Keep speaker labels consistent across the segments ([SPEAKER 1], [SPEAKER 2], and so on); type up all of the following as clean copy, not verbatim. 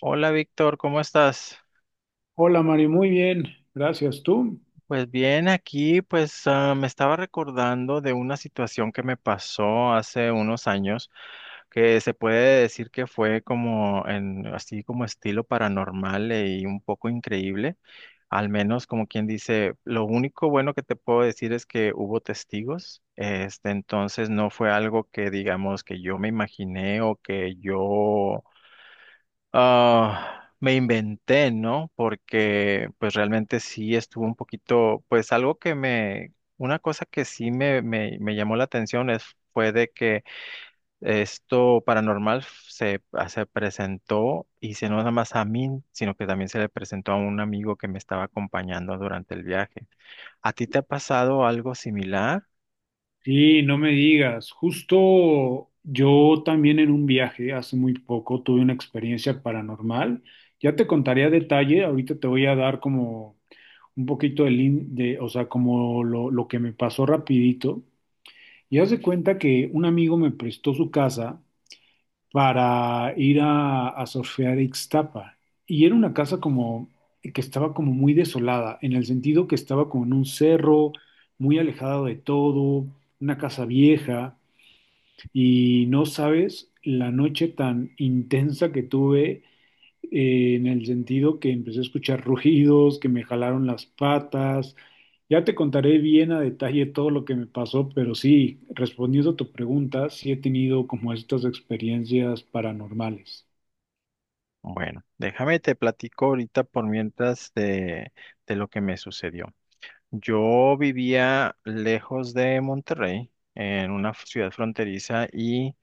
[SPEAKER 1] Hola Víctor, ¿cómo estás?
[SPEAKER 2] Hola Mari, muy bien, gracias. ¿Tú?
[SPEAKER 1] Pues bien, aquí pues me estaba recordando de una situación que me pasó hace unos años que se puede decir que fue como en así como estilo paranormal y un poco increíble, al menos como quien dice. Lo único bueno que te puedo decir es que hubo testigos. Este, entonces no fue algo que digamos que yo me imaginé o que yo me inventé, ¿no? Porque pues realmente sí estuvo un poquito, pues algo que me, una cosa que sí me llamó la atención es, fue de que esto paranormal se presentó y se no nada más a mí, sino que también se le presentó a un amigo que me estaba acompañando durante el viaje. ¿A ti te ha pasado algo similar?
[SPEAKER 2] Sí, no me digas. Justo yo también en un viaje hace muy poco tuve una experiencia paranormal. Ya te contaré a detalle, ahorita te voy a dar como un poquito de lo que me pasó rapidito. Y haz de cuenta que un amigo me prestó su casa para ir a surfear a Ixtapa. Y era una casa como que estaba como muy desolada, en el sentido que estaba como en un cerro, muy alejada de todo, una casa vieja, y no sabes la noche tan intensa que tuve en el sentido que empecé a escuchar rugidos, que me jalaron las patas. Ya te contaré bien a detalle todo lo que me pasó, pero sí, respondiendo a tu pregunta, sí he tenido como estas experiencias paranormales.
[SPEAKER 1] Bueno, déjame te platico ahorita por mientras de lo que me sucedió. Yo vivía lejos de Monterrey, en una ciudad fronteriza y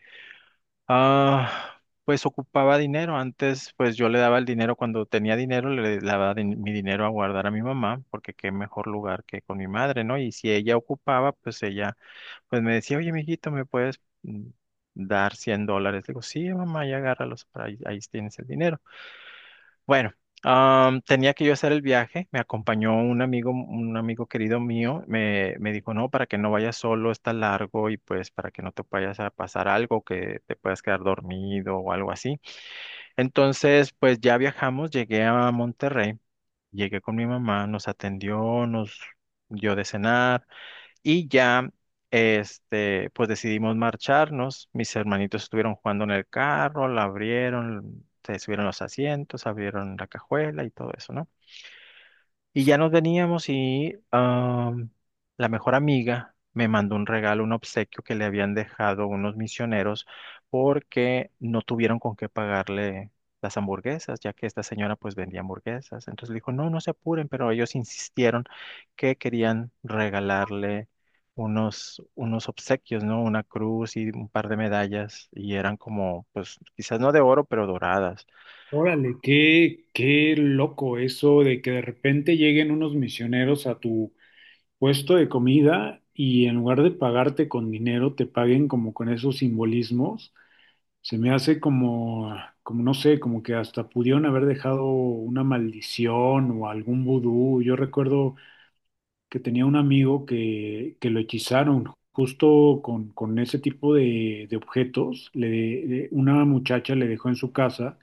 [SPEAKER 1] pues ocupaba dinero. Antes pues yo le daba el dinero cuando tenía dinero, le daba mi dinero a guardar a mi mamá, porque qué mejor lugar que con mi madre, ¿no? Y si ella ocupaba, pues ella pues me decía, oye, mijito, ¿me puedes dar 100 dólares? Le digo, sí, mamá, ya agárralos, para ahí, ahí tienes el dinero. Bueno, tenía que yo hacer el viaje, me acompañó un amigo querido mío, me dijo, no, para que no vayas solo, está largo y pues para que no te vayas a pasar algo, que te puedas quedar dormido o algo así. Entonces, pues ya viajamos, llegué a Monterrey, llegué con mi mamá, nos atendió, nos dio de cenar. Y ya, este, pues decidimos marcharnos. Mis hermanitos estuvieron jugando en el carro, la abrieron, se subieron los asientos, abrieron la cajuela y todo eso, ¿no? Y ya nos veníamos y la mejor amiga me mandó un regalo, un obsequio que le habían dejado unos misioneros porque no tuvieron con qué pagarle las hamburguesas, ya que esta señora pues vendía hamburguesas. Entonces le dijo, no, no se apuren, pero ellos insistieron que querían regalarle unos obsequios, ¿no? Una cruz y un par de medallas y eran como, pues quizás no de oro, pero doradas.
[SPEAKER 2] Órale, qué loco eso de que de repente lleguen unos misioneros a tu puesto de comida y en lugar de pagarte con dinero, te paguen como con esos simbolismos. Se me hace como, como no sé, como que hasta pudieron haber dejado una maldición o algún vudú. Yo recuerdo que tenía un amigo que lo hechizaron justo con ese tipo de objetos. Una muchacha le dejó en su casa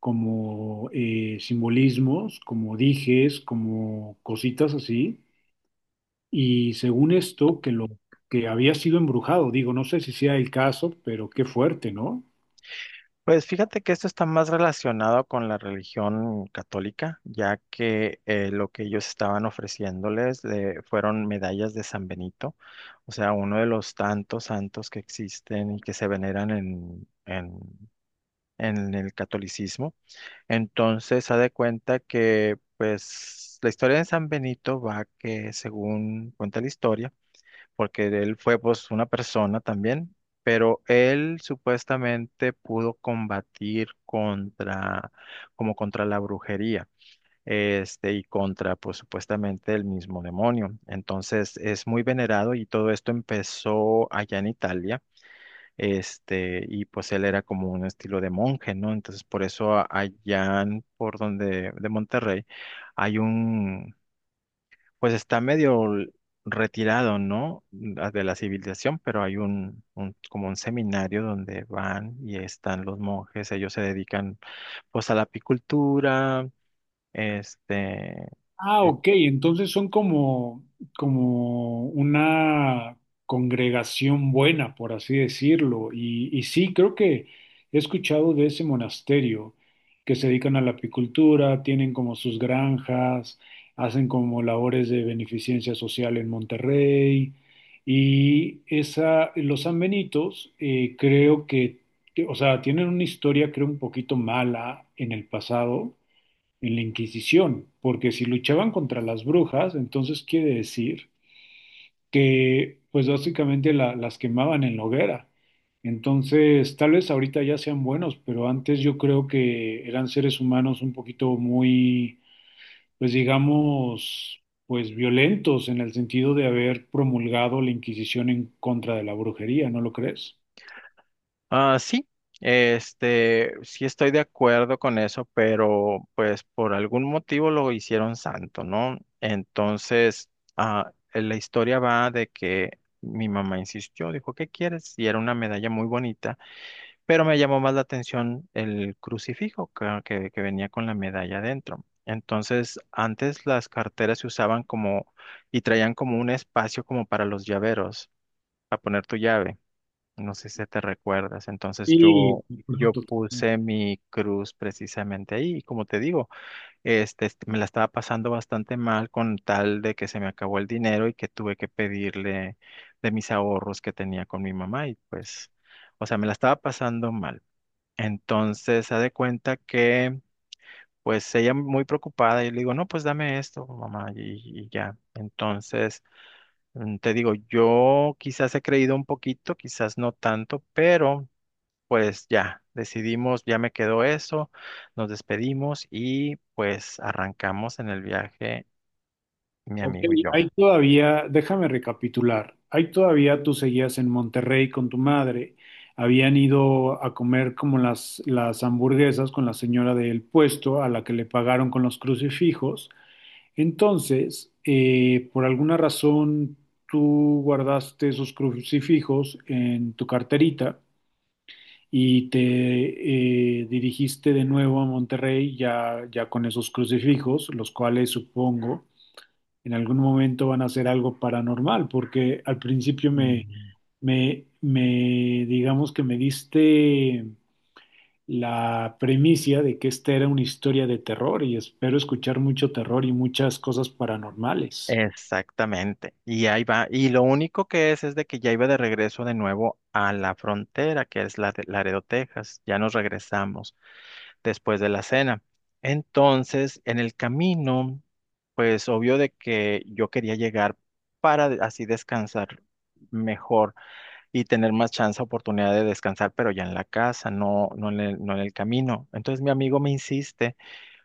[SPEAKER 2] como simbolismos, como dijes, como cositas así. Y según esto, que lo que había sido embrujado, digo, no sé si sea el caso, pero qué fuerte, ¿no?
[SPEAKER 1] Pues fíjate que esto está más relacionado con la religión católica, ya que lo que ellos estaban ofreciéndoles fueron medallas de San Benito, o sea, uno de los tantos santos que existen y que se veneran en el catolicismo. Entonces, haz de cuenta que, pues, la historia de San Benito va que, según cuenta la historia, porque él fue pues una persona también, pero él supuestamente pudo combatir contra, como contra la brujería, este, y contra pues supuestamente el mismo demonio. Entonces es muy venerado y todo esto empezó allá en Italia. Este, y pues él era como un estilo de monje, ¿no? Entonces por eso allá por donde de Monterrey hay un pues está medio retirado, ¿no? De la civilización, pero hay como un seminario donde van y están los monjes, ellos se dedican pues a la apicultura, este,
[SPEAKER 2] Ah,
[SPEAKER 1] eh,
[SPEAKER 2] ok, entonces son como, como una congregación buena, por así decirlo. Y sí, creo que he escuchado de ese monasterio que se dedican a la apicultura, tienen como sus granjas, hacen como labores de beneficencia social en Monterrey. Y esa, los sanbenitos, creo que, tienen una historia, creo, un poquito mala en el pasado en la Inquisición, porque si luchaban contra las brujas, entonces quiere decir que pues básicamente las quemaban en la hoguera. Entonces, tal vez ahorita ya sean buenos, pero antes yo creo que eran seres humanos un poquito muy, pues digamos, pues violentos en el sentido de haber promulgado la Inquisición en contra de la brujería, ¿no lo crees?
[SPEAKER 1] Sí, este, sí estoy de acuerdo con eso, pero pues por algún motivo lo hicieron santo, ¿no? Entonces, la historia va de que mi mamá insistió, dijo, ¿qué quieres? Y era una medalla muy bonita, pero me llamó más la atención el crucifijo que que venía con la medalla adentro. Entonces, antes las carteras se usaban como y traían como un espacio como para los llaveros, para poner tu llave. No sé si te recuerdas. Entonces
[SPEAKER 2] Sí.
[SPEAKER 1] yo puse mi cruz precisamente ahí. Y como te digo, me la estaba pasando bastante mal con tal de que se me acabó el dinero y que tuve que pedirle de mis ahorros que tenía con mi mamá. Y pues, o sea, me la estaba pasando mal. Entonces, haz de cuenta que, pues, ella muy preocupada y le digo, no, pues dame esto, mamá, y ya. Entonces... te digo, yo quizás he creído un poquito, quizás no tanto, pero pues ya, decidimos, ya me quedó eso, nos despedimos y pues arrancamos en el viaje, mi
[SPEAKER 2] Ok,
[SPEAKER 1] amigo y yo.
[SPEAKER 2] ahí todavía, déjame recapitular, ahí todavía tú seguías en Monterrey con tu madre, habían ido a comer como las hamburguesas con la señora del puesto a la que le pagaron con los crucifijos, entonces, por alguna razón, tú guardaste esos crucifijos en tu carterita y te dirigiste de nuevo a Monterrey ya, ya con esos crucifijos, los cuales supongo en algún momento van a hacer algo paranormal, porque al principio me,
[SPEAKER 1] Mm.
[SPEAKER 2] me, me, digamos que me diste la premisa de que esta era una historia de terror y espero escuchar mucho terror y muchas cosas paranormales.
[SPEAKER 1] Exactamente. Y ahí va. Y lo único que es de que ya iba de regreso de nuevo a la frontera, que es la de Laredo, Texas. Ya nos regresamos después de la cena. Entonces, en el camino, pues obvio de que yo quería llegar para así descansar mejor y tener más chance, oportunidad de descansar, pero ya en la casa, no, no en el camino. Entonces mi amigo me insiste,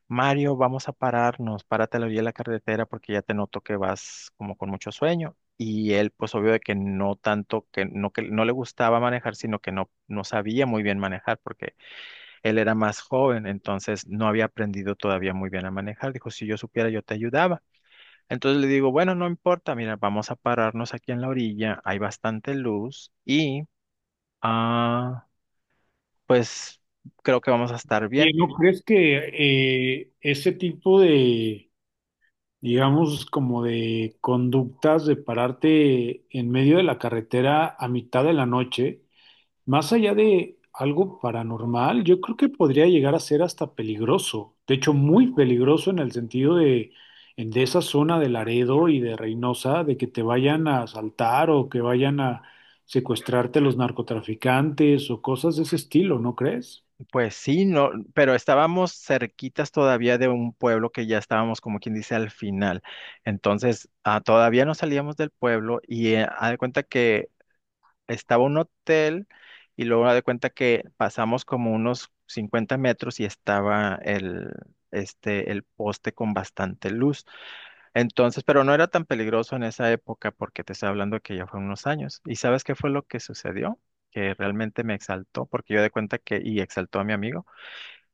[SPEAKER 1] Mario, vamos a pararnos, párate a la orilla de la carretera porque ya te noto que vas como con mucho sueño. Y él, pues obvio de que no tanto, que no le gustaba manejar, sino que no sabía muy bien manejar porque él era más joven, entonces no había aprendido todavía muy bien a manejar. Dijo, si yo supiera, yo te ayudaba. Entonces le digo, bueno, no importa, mira, vamos a pararnos aquí en la orilla, hay bastante luz y Ah, pues creo que vamos a estar
[SPEAKER 2] ¿Y
[SPEAKER 1] bien.
[SPEAKER 2] no crees que ese tipo de, digamos, como de conductas de pararte en medio de la carretera a mitad de la noche, más allá de algo paranormal, yo creo que podría llegar a ser hasta peligroso? De hecho, muy peligroso en el sentido de, de esa zona de Laredo y de Reynosa, de que te vayan a asaltar o que vayan a secuestrarte los narcotraficantes o cosas de ese estilo, ¿no crees?
[SPEAKER 1] Pues sí, no, pero estábamos cerquitas todavía de un pueblo que ya estábamos, como quien dice, al final. Entonces, todavía no salíamos del pueblo y haz de cuenta que estaba un hotel y luego haz de cuenta que pasamos como unos 50 metros y estaba este, el poste con bastante luz. Entonces, pero no era tan peligroso en esa época porque te estoy hablando que ya fue unos años. ¿Y sabes qué fue lo que sucedió? Que realmente me exaltó porque yo de cuenta que, y exaltó a mi amigo,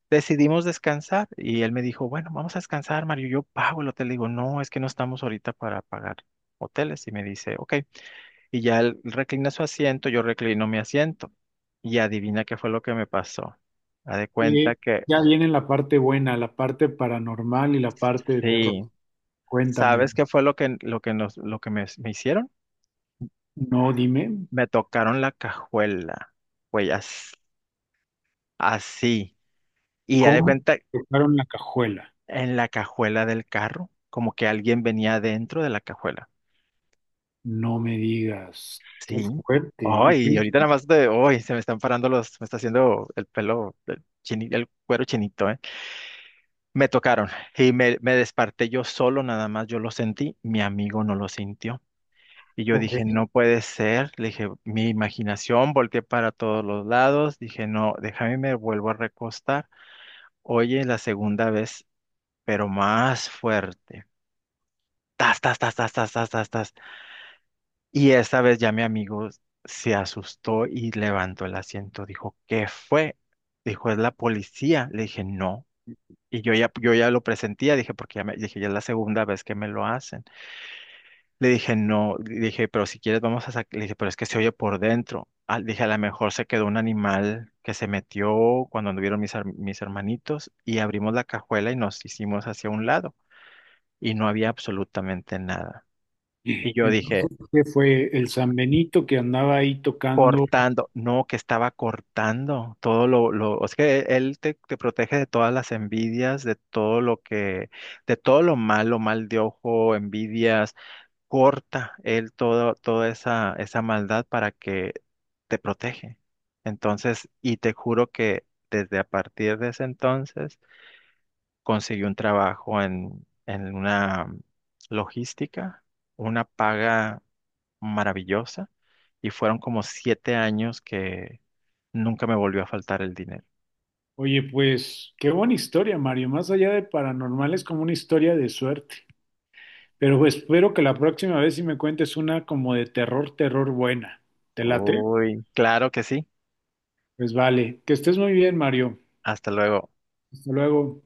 [SPEAKER 1] decidimos descansar y él me dijo, bueno, vamos a descansar, Mario, yo pago el hotel. Le digo, no, es que no estamos ahorita para pagar hoteles. Y me dice, ok. Y ya él reclina su asiento, yo reclino mi asiento. Y adivina qué fue lo que me pasó. Haz de cuenta
[SPEAKER 2] Y
[SPEAKER 1] que,
[SPEAKER 2] ya viene la parte buena, la parte paranormal y la parte de terror.
[SPEAKER 1] sí,
[SPEAKER 2] Cuéntame,
[SPEAKER 1] ¿sabes qué fue lo lo que me hicieron?
[SPEAKER 2] no, dime,
[SPEAKER 1] Me tocaron la cajuela, güey, así. Y ya de
[SPEAKER 2] ¿cómo
[SPEAKER 1] cuenta,
[SPEAKER 2] tocaron la cajuela?
[SPEAKER 1] en la cajuela del carro, como que alguien venía dentro de la cajuela.
[SPEAKER 2] No me digas, qué
[SPEAKER 1] Sí.
[SPEAKER 2] fuerte. ¿Y
[SPEAKER 1] Ay, y
[SPEAKER 2] qué?
[SPEAKER 1] ahorita nada más de, ay, se me están parando los, me está haciendo el pelo, el cuero chinito, ¿eh? Me tocaron y me desperté yo solo, nada más yo lo sentí, mi amigo no lo sintió. Y yo dije, no puede ser, le dije, mi imaginación, volteé para todos los lados, dije, no, déjame, me vuelvo a recostar. Oye, la segunda vez, pero más fuerte. Tas, tas, tas, tas, tas, tas, tas, tas. Y esta vez ya mi amigo se asustó y levantó el asiento. Dijo, ¿qué fue? Dijo, es la policía. Le dije, no. Y yo ya lo presentía, dije, porque ya me, dije, ya es la segunda vez que me lo hacen. Le dije, no, le dije, pero si quieres vamos a sacar, le dije, pero es que se oye por dentro. Ah, dije, a lo mejor se quedó un animal que se metió cuando anduvieron mis hermanitos y abrimos la cajuela y nos hicimos hacia un lado. Y no había absolutamente nada. Y yo dije,
[SPEAKER 2] Entonces, ¿qué fue el San Benito que andaba ahí tocando?
[SPEAKER 1] cortando, no, que estaba cortando todo es que él te protege de todas las envidias, de todo lo que, de todo lo malo, mal de ojo, envidias, corta él todo, esa maldad para que te protege. Entonces, y te juro que desde a partir de ese entonces conseguí un trabajo en una logística, una paga maravillosa y fueron como 7 años que nunca me volvió a faltar el dinero.
[SPEAKER 2] Oye, pues qué buena historia, Mario. Más allá de paranormal, es como una historia de suerte. Pero pues espero que la próxima vez si me cuentes una como de terror, terror buena. ¿Te late?
[SPEAKER 1] Uy, claro que sí.
[SPEAKER 2] Pues vale. Que estés muy bien, Mario.
[SPEAKER 1] Hasta luego.
[SPEAKER 2] Hasta luego.